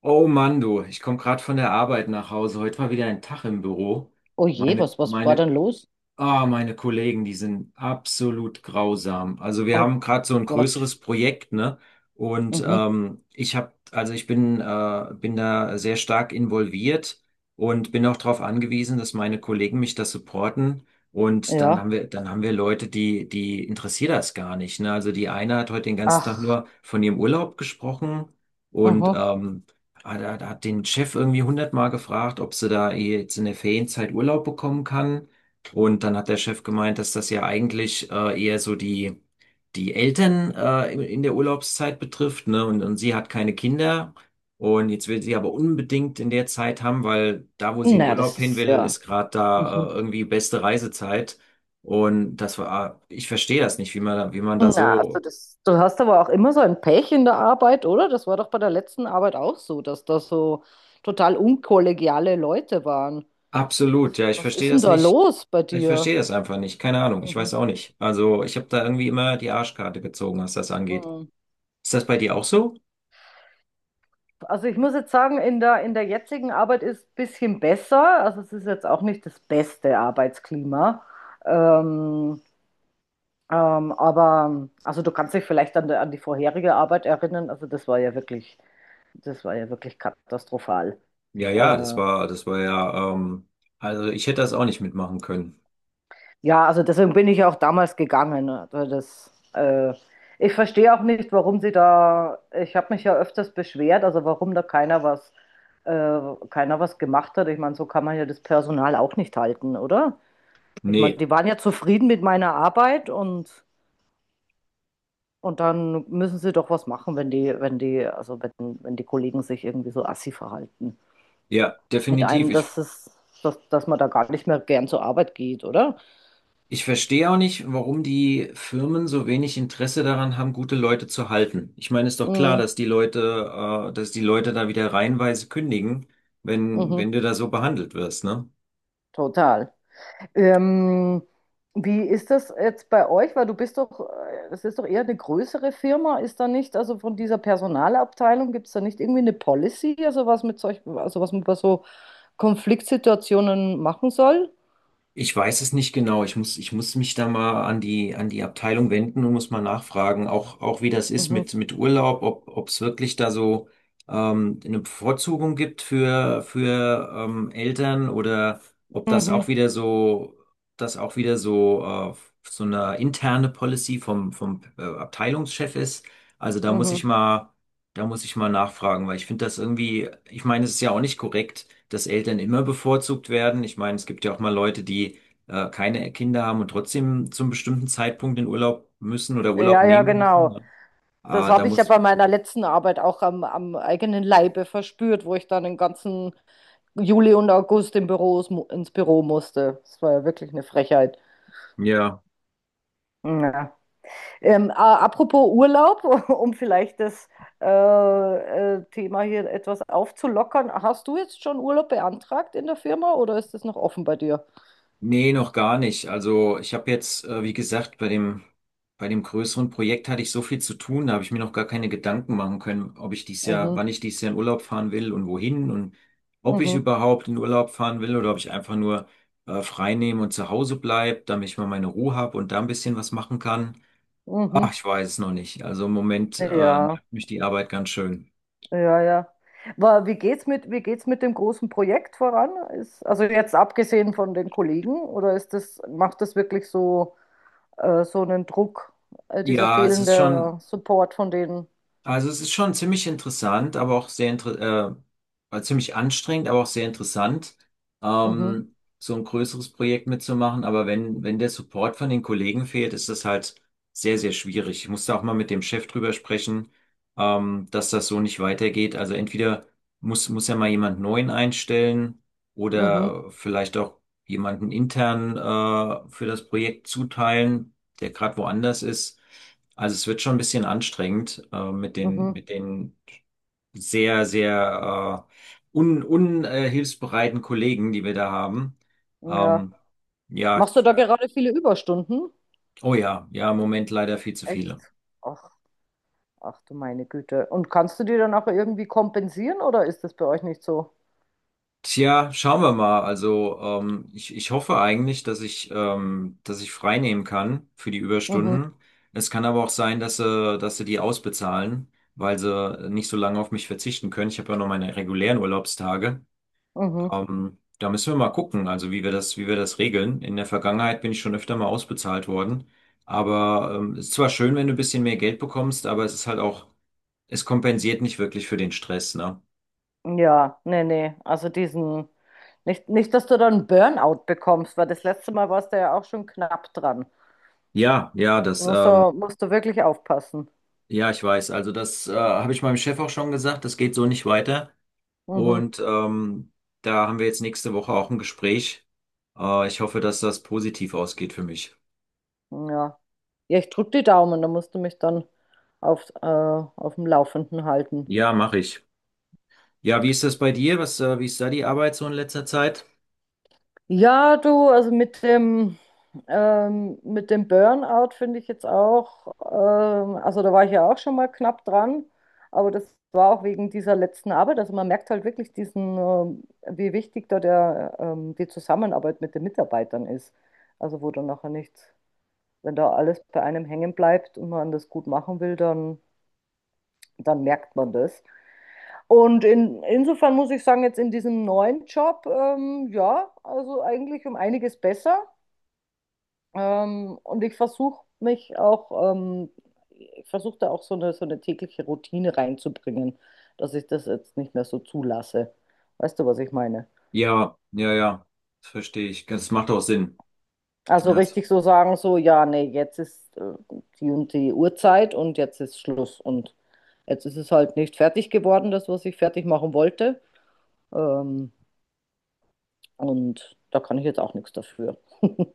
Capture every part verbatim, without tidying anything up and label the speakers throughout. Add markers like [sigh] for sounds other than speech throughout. Speaker 1: Oh Mann, du, ich komme gerade von der Arbeit nach Hause. Heute war wieder ein Tag im Büro.
Speaker 2: Oh je,
Speaker 1: Meine,
Speaker 2: was, was war
Speaker 1: meine
Speaker 2: denn los?
Speaker 1: Ah, meine Kollegen, die sind absolut grausam. Also wir
Speaker 2: Oh
Speaker 1: haben gerade so ein
Speaker 2: Gott.
Speaker 1: größeres Projekt, ne? Und
Speaker 2: Mhm.
Speaker 1: ähm, ich habe, also ich bin, äh, bin da sehr stark involviert und bin auch darauf angewiesen, dass meine Kollegen mich das supporten. Und dann haben
Speaker 2: Ja.
Speaker 1: wir, dann haben wir Leute, die, die interessiert das gar nicht, ne? Also die eine hat heute den ganzen Tag
Speaker 2: Ach,
Speaker 1: nur von ihrem Urlaub gesprochen und
Speaker 2: mhm.
Speaker 1: ähm, hat, hat hat den Chef irgendwie hundertmal gefragt, ob sie da jetzt in der Ferienzeit Urlaub bekommen kann. Und dann hat der Chef gemeint, dass das ja eigentlich äh, eher so die, die Eltern äh, in in der Urlaubszeit betrifft, ne? Und, und sie hat keine Kinder. Und jetzt will sie aber unbedingt in der Zeit haben, weil da, wo sie in
Speaker 2: Na,
Speaker 1: Urlaub
Speaker 2: das
Speaker 1: hin
Speaker 2: ist
Speaker 1: will,
Speaker 2: ja.
Speaker 1: ist gerade da
Speaker 2: Mhm.
Speaker 1: äh, irgendwie beste Reisezeit. Und das war, äh, ich verstehe das nicht, wie man, da- wie man da
Speaker 2: Na, also
Speaker 1: so
Speaker 2: das, du hast aber auch immer so ein Pech in der Arbeit, oder? Das war doch bei der letzten Arbeit auch so, dass da so total unkollegiale Leute waren.
Speaker 1: absolut, ja, ich
Speaker 2: Was
Speaker 1: verstehe
Speaker 2: ist denn
Speaker 1: das
Speaker 2: da
Speaker 1: nicht.
Speaker 2: los bei
Speaker 1: Ich
Speaker 2: dir?
Speaker 1: verstehe das einfach nicht. Keine Ahnung, ich weiß auch
Speaker 2: Mhm.
Speaker 1: nicht. Also ich habe da irgendwie immer die Arschkarte gezogen, was das angeht.
Speaker 2: Mhm.
Speaker 1: Ist das bei dir auch so?
Speaker 2: Also ich muss jetzt sagen, in der, in der jetzigen Arbeit ist es ein bisschen besser. Also es ist jetzt auch nicht das beste Arbeitsklima. Ähm, Ähm, aber also du kannst dich vielleicht an, der- an die vorherige Arbeit erinnern. Also das war ja wirklich, das war ja wirklich katastrophal.
Speaker 1: Ja, ja, das
Speaker 2: Äh,
Speaker 1: war, das war ja, ähm, also ich hätte das auch nicht mitmachen können.
Speaker 2: ja, also deswegen bin ich auch damals gegangen. Also das, äh, ich verstehe auch nicht, warum sie da, ich habe mich ja öfters beschwert, also warum da keiner was, äh, keiner was gemacht hat. Ich meine, so kann man ja das Personal auch nicht halten, oder? Ich meine,
Speaker 1: Nee,
Speaker 2: die waren ja zufrieden mit meiner Arbeit. und Und dann müssen sie doch was machen, wenn die, wenn die, also wenn, wenn die Kollegen sich irgendwie so assi verhalten.
Speaker 1: ja,
Speaker 2: Mit
Speaker 1: definitiv.
Speaker 2: einem, dass
Speaker 1: Ich,
Speaker 2: es, dass, dass man da gar nicht mehr gern zur Arbeit geht, oder?
Speaker 1: ich verstehe auch nicht, warum die Firmen so wenig Interesse daran haben, gute Leute zu halten. Ich meine, ist doch klar,
Speaker 2: Mhm,
Speaker 1: dass die Leute, äh, dass die Leute da wieder reihenweise kündigen, wenn,
Speaker 2: mhm,
Speaker 1: wenn du da so behandelt wirst, ne?
Speaker 2: total. Ähm, Wie ist das jetzt bei euch? Weil du bist doch, äh, das ist doch eher eine größere Firma, ist da nicht, also von dieser Personalabteilung gibt es da nicht irgendwie eine Policy, also was mit solch, also was man bei so Konfliktsituationen machen soll?
Speaker 1: Ich weiß es nicht genau. Ich muss, ich muss mich da mal an die, an die Abteilung wenden und muss mal nachfragen, auch, auch wie das ist
Speaker 2: Mhm,
Speaker 1: mit, mit Urlaub, ob, ob es wirklich da so ähm, eine Bevorzugung gibt für, für ähm, Eltern oder ob das auch
Speaker 2: mhm,
Speaker 1: wieder so, das auch wieder so, äh, so eine interne Policy vom, vom äh, Abteilungschef ist. Also da muss ich
Speaker 2: mhm.
Speaker 1: mal. Da muss ich mal nachfragen, weil ich finde das irgendwie, ich meine, es ist ja auch nicht korrekt, dass Eltern immer bevorzugt werden. Ich meine, es gibt ja auch mal Leute, die äh, keine Kinder haben und trotzdem zum bestimmten Zeitpunkt in Urlaub müssen oder Urlaub
Speaker 2: Ja, ja,
Speaker 1: nehmen müssen.
Speaker 2: genau.
Speaker 1: Ne?
Speaker 2: Das
Speaker 1: Ah, da
Speaker 2: habe ich ja
Speaker 1: muss,
Speaker 2: bei meiner letzten Arbeit auch am, am eigenen Leibe verspürt, wo ich dann den ganzen Juli und August im Büro, ins Büro musste. Das war ja wirklich eine Frechheit.
Speaker 1: ja.
Speaker 2: Ja. Ähm, äh, apropos Urlaub, [laughs] um vielleicht das äh, äh, Thema hier etwas aufzulockern. Hast du jetzt schon Urlaub beantragt in der Firma, oder ist das noch offen bei dir?
Speaker 1: Nee, noch gar nicht. Also ich habe jetzt, äh, wie gesagt, bei dem, bei dem größeren Projekt hatte ich so viel zu tun, da habe ich mir noch gar keine Gedanken machen können, ob ich dies Jahr,
Speaker 2: Mhm,
Speaker 1: wann ich dies Jahr in Urlaub fahren will und wohin und ob ich
Speaker 2: mhm,
Speaker 1: überhaupt in Urlaub fahren will oder ob ich einfach nur äh, frei nehme und zu Hause bleib, damit ich mal meine Ruhe habe und da ein bisschen was machen kann. Ach,
Speaker 2: mhm.
Speaker 1: ich weiß es noch nicht. Also im Moment äh,
Speaker 2: Ja.
Speaker 1: nervt mich die Arbeit ganz schön.
Speaker 2: Ja, ja. Aber wie geht's mit, wie geht's mit dem großen Projekt voran? Ist, also jetzt abgesehen von den Kollegen, oder ist das, macht das wirklich so, äh, so einen Druck, äh, dieser
Speaker 1: Ja, es ist schon.
Speaker 2: fehlende Support von denen?
Speaker 1: Also es ist schon ziemlich interessant, aber auch sehr inter äh, äh, ziemlich anstrengend, aber auch sehr interessant,
Speaker 2: Mhm,
Speaker 1: ähm, so ein größeres Projekt mitzumachen. Aber wenn, wenn der Support von den Kollegen fehlt, ist das halt sehr, sehr schwierig. Ich musste auch mal mit dem Chef drüber sprechen, ähm, dass das so nicht weitergeht. Also entweder muss, muss ja mal jemand Neuen einstellen
Speaker 2: mhm,
Speaker 1: oder vielleicht auch jemanden intern äh, für das Projekt zuteilen, der gerade woanders ist. Also es wird schon ein bisschen anstrengend äh, mit den,
Speaker 2: mhm,
Speaker 1: mit den sehr, sehr äh, un, un, äh, hilfsbereiten Kollegen, die wir da haben.
Speaker 2: ja.
Speaker 1: Ähm, ja,
Speaker 2: Machst du da gerade viele Überstunden?
Speaker 1: oh ja, ja, im Moment leider viel zu
Speaker 2: Echt?
Speaker 1: viele.
Speaker 2: Ach, ach du meine Güte. Und kannst du die dann auch irgendwie kompensieren, oder ist das bei euch nicht so?
Speaker 1: Tja, schauen wir mal. Also ähm, ich, ich hoffe eigentlich, dass ich, ähm, dass ich frei nehmen kann für die
Speaker 2: Mhm,
Speaker 1: Überstunden. Es kann aber auch sein, dass sie, dass sie die ausbezahlen, weil sie nicht so lange auf mich verzichten können. Ich habe ja noch meine regulären Urlaubstage.
Speaker 2: mhm.
Speaker 1: Ähm, da müssen wir mal gucken, also wie wir das, wie wir das regeln. In der Vergangenheit bin ich schon öfter mal ausbezahlt worden. Aber ähm, es ist zwar schön, wenn du ein bisschen mehr Geld bekommst, aber es ist halt auch, es kompensiert nicht wirklich für den Stress, ne?
Speaker 2: Ja, nee, nee. Also diesen, nicht, nicht, dass du dann einen Burnout bekommst, weil das letzte Mal warst du ja auch schon knapp dran.
Speaker 1: Ja, ja, das,
Speaker 2: Musst
Speaker 1: ähm,
Speaker 2: du, musst du wirklich aufpassen.
Speaker 1: ja, ich weiß. Also das äh, habe ich meinem Chef auch schon gesagt, das geht so nicht weiter.
Speaker 2: Mhm.
Speaker 1: Und ähm, da haben wir jetzt nächste Woche auch ein Gespräch. Äh, ich hoffe, dass das positiv ausgeht für mich.
Speaker 2: Ja. Ja, ich drück die Daumen, da musst du mich dann auf, äh, auf dem Laufenden halten.
Speaker 1: Ja, mache ich. Ja, wie ist das bei dir? Was, äh, wie ist da die Arbeit so in letzter Zeit?
Speaker 2: Ja, du, also mit dem, ähm, mit dem Burnout finde ich jetzt auch, ähm, also da war ich ja auch schon mal knapp dran, aber das war auch wegen dieser letzten Arbeit. Also man merkt halt wirklich diesen, ähm, wie wichtig da der, ähm, die Zusammenarbeit mit den Mitarbeitern ist. Also wo dann nachher nichts, wenn da alles bei einem hängen bleibt und man das gut machen will, dann, dann merkt man das. Und in, insofern muss ich sagen, jetzt in diesem neuen Job, ähm, ja, also eigentlich um einiges besser. Ähm, und ich versuche mich auch, ähm, ich versuche da auch so eine, so eine tägliche Routine reinzubringen, dass ich das jetzt nicht mehr so zulasse. Weißt du, was ich meine?
Speaker 1: Ja, ja, ja, das verstehe ich. Das macht auch Sinn.
Speaker 2: Also
Speaker 1: Ja, das-
Speaker 2: richtig so sagen, so, ja, nee, jetzt ist äh, die und die Uhrzeit und jetzt ist Schluss. Und jetzt ist es halt nicht fertig geworden, das, was ich fertig machen wollte. Ähm, und da kann ich jetzt auch nichts dafür. [laughs]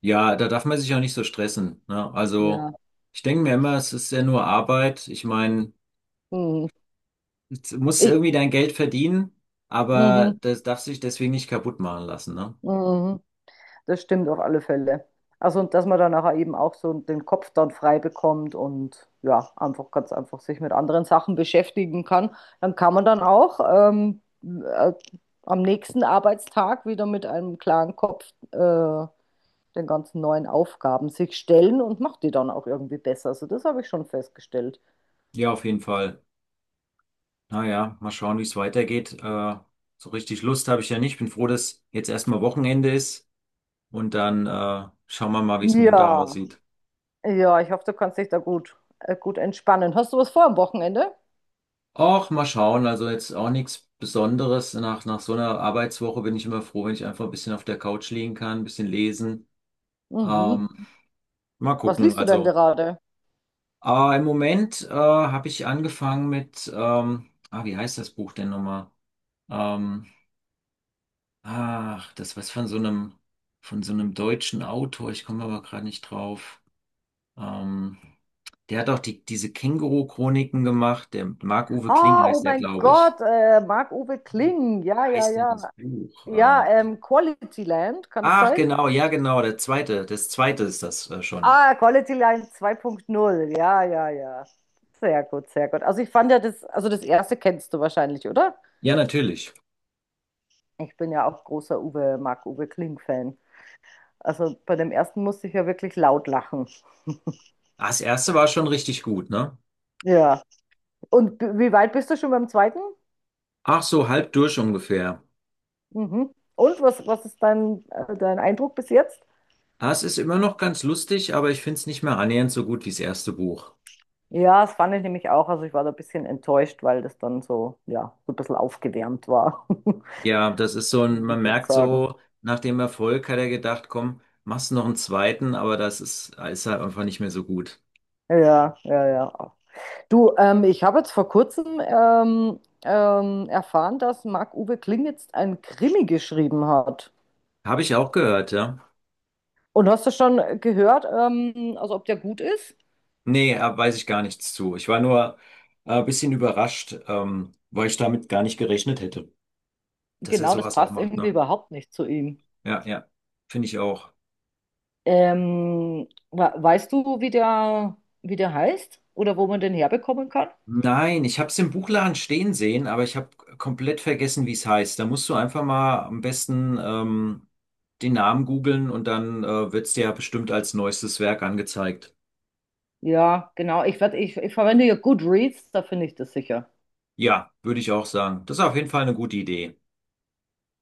Speaker 1: ja, da darf man sich auch nicht so stressen. Ne? Also,
Speaker 2: Ja.
Speaker 1: ich denke mir immer, es ist ja nur Arbeit. Ich meine,
Speaker 2: Mhm.
Speaker 1: du musst
Speaker 2: Ich,
Speaker 1: irgendwie dein Geld verdienen, aber
Speaker 2: mhm,
Speaker 1: das darf sich deswegen nicht kaputt machen lassen. Ne?
Speaker 2: mhm. Mhm. Das stimmt auf alle Fälle. Also und dass man dann nachher eben auch so den Kopf dann frei bekommt und ja, einfach ganz einfach sich mit anderen Sachen beschäftigen kann, dann kann man dann auch ähm, äh, am nächsten Arbeitstag wieder mit einem klaren Kopf äh, den ganzen neuen Aufgaben sich stellen und macht die dann auch irgendwie besser. Also das habe ich schon festgestellt.
Speaker 1: Ja, auf jeden Fall. Naja, mal schauen, wie es weitergeht. Äh, so richtig Lust habe ich ja nicht. Bin froh, dass jetzt erstmal Wochenende ist und dann äh, schauen wir mal, wie es Montag
Speaker 2: Ja,
Speaker 1: aussieht.
Speaker 2: ja, ich hoffe, du kannst dich da gut, äh, gut entspannen. Hast du was vor am Wochenende?
Speaker 1: Auch mal schauen, also jetzt auch nichts Besonderes. Nach, nach so einer Arbeitswoche bin ich immer froh, wenn ich einfach ein bisschen auf der Couch liegen kann, ein bisschen lesen.
Speaker 2: Mhm.
Speaker 1: Ähm, Mal
Speaker 2: Was
Speaker 1: gucken,
Speaker 2: liest du denn
Speaker 1: also.
Speaker 2: gerade?
Speaker 1: Aber im Moment äh, habe ich angefangen mit, ähm, ah, wie heißt das Buch denn nochmal? Ähm, Ach, das was von so einem, von so einem deutschen Autor, ich komme aber gerade nicht drauf. Ähm, Der hat auch die, diese Känguru-Chroniken gemacht, der Marc-Uwe Kling
Speaker 2: Ah, oh
Speaker 1: heißt der,
Speaker 2: mein
Speaker 1: glaube ich.
Speaker 2: Gott, äh, Marc-Uwe Kling.
Speaker 1: Wie
Speaker 2: Ja, ja,
Speaker 1: heißt denn das
Speaker 2: ja.
Speaker 1: Buch?
Speaker 2: Ja,
Speaker 1: Äh,
Speaker 2: ähm, Quality Land, kann es
Speaker 1: Ach,
Speaker 2: sein?
Speaker 1: genau, ja, genau, der zweite, das zweite ist das äh, schon.
Speaker 2: Ah, Quality Land zwei Punkt null, ja, ja, ja. Sehr gut, sehr gut. Also ich fand ja das, also das erste kennst du wahrscheinlich, oder?
Speaker 1: Ja, natürlich.
Speaker 2: Ich bin ja auch großer Uwe, Marc-Uwe Kling-Fan. Also bei dem ersten musste ich ja wirklich laut lachen. [laughs]
Speaker 1: Ah, das erste war schon richtig gut, ne?
Speaker 2: Ja. Und b- wie weit bist du schon beim zweiten?
Speaker 1: Ach, so halb durch ungefähr.
Speaker 2: Mhm. Und was, was ist dein, äh, dein Eindruck bis jetzt?
Speaker 1: Ah, es ist immer noch ganz lustig, aber ich finde es nicht mehr annähernd so gut wie das erste Buch.
Speaker 2: Ja, das fand ich nämlich auch. Also ich war da ein bisschen enttäuscht, weil das dann so, ja, so ein bisschen aufgewärmt war, [laughs]
Speaker 1: Ja, das ist so ein,
Speaker 2: würde
Speaker 1: man
Speaker 2: ich jetzt
Speaker 1: merkt
Speaker 2: sagen.
Speaker 1: so, nach dem Erfolg hat er gedacht, komm, machst noch einen zweiten, aber das ist, ist halt einfach nicht mehr so gut.
Speaker 2: Ja, ja, ja. Du, ähm, ich habe jetzt vor kurzem ähm, ähm, erfahren, dass Marc-Uwe Kling jetzt einen Krimi geschrieben hat.
Speaker 1: Habe ich auch gehört, ja?
Speaker 2: Und hast du schon gehört, ähm, also ob der gut ist?
Speaker 1: Nee, äh, weiß ich gar nichts zu. Ich war nur äh, ein bisschen überrascht, ähm, weil ich damit gar nicht gerechnet hätte, dass er
Speaker 2: Genau, das
Speaker 1: sowas auch
Speaker 2: passt
Speaker 1: macht,
Speaker 2: irgendwie
Speaker 1: ne?
Speaker 2: überhaupt nicht zu ihm.
Speaker 1: Ja, ja. Finde ich auch.
Speaker 2: Ähm, we- weißt du, wie der, wie der heißt oder wo man den herbekommen kann?
Speaker 1: Nein, ich habe es im Buchladen stehen sehen, aber ich habe komplett vergessen, wie es heißt. Da musst du einfach mal am besten ähm, den Namen googeln und dann äh, wird es dir ja bestimmt als neuestes Werk angezeigt.
Speaker 2: Ja, genau. Ich, werd, ich, ich verwende hier Goodreads, da finde ich das sicher.
Speaker 1: Ja, würde ich auch sagen. Das ist auf jeden Fall eine gute Idee.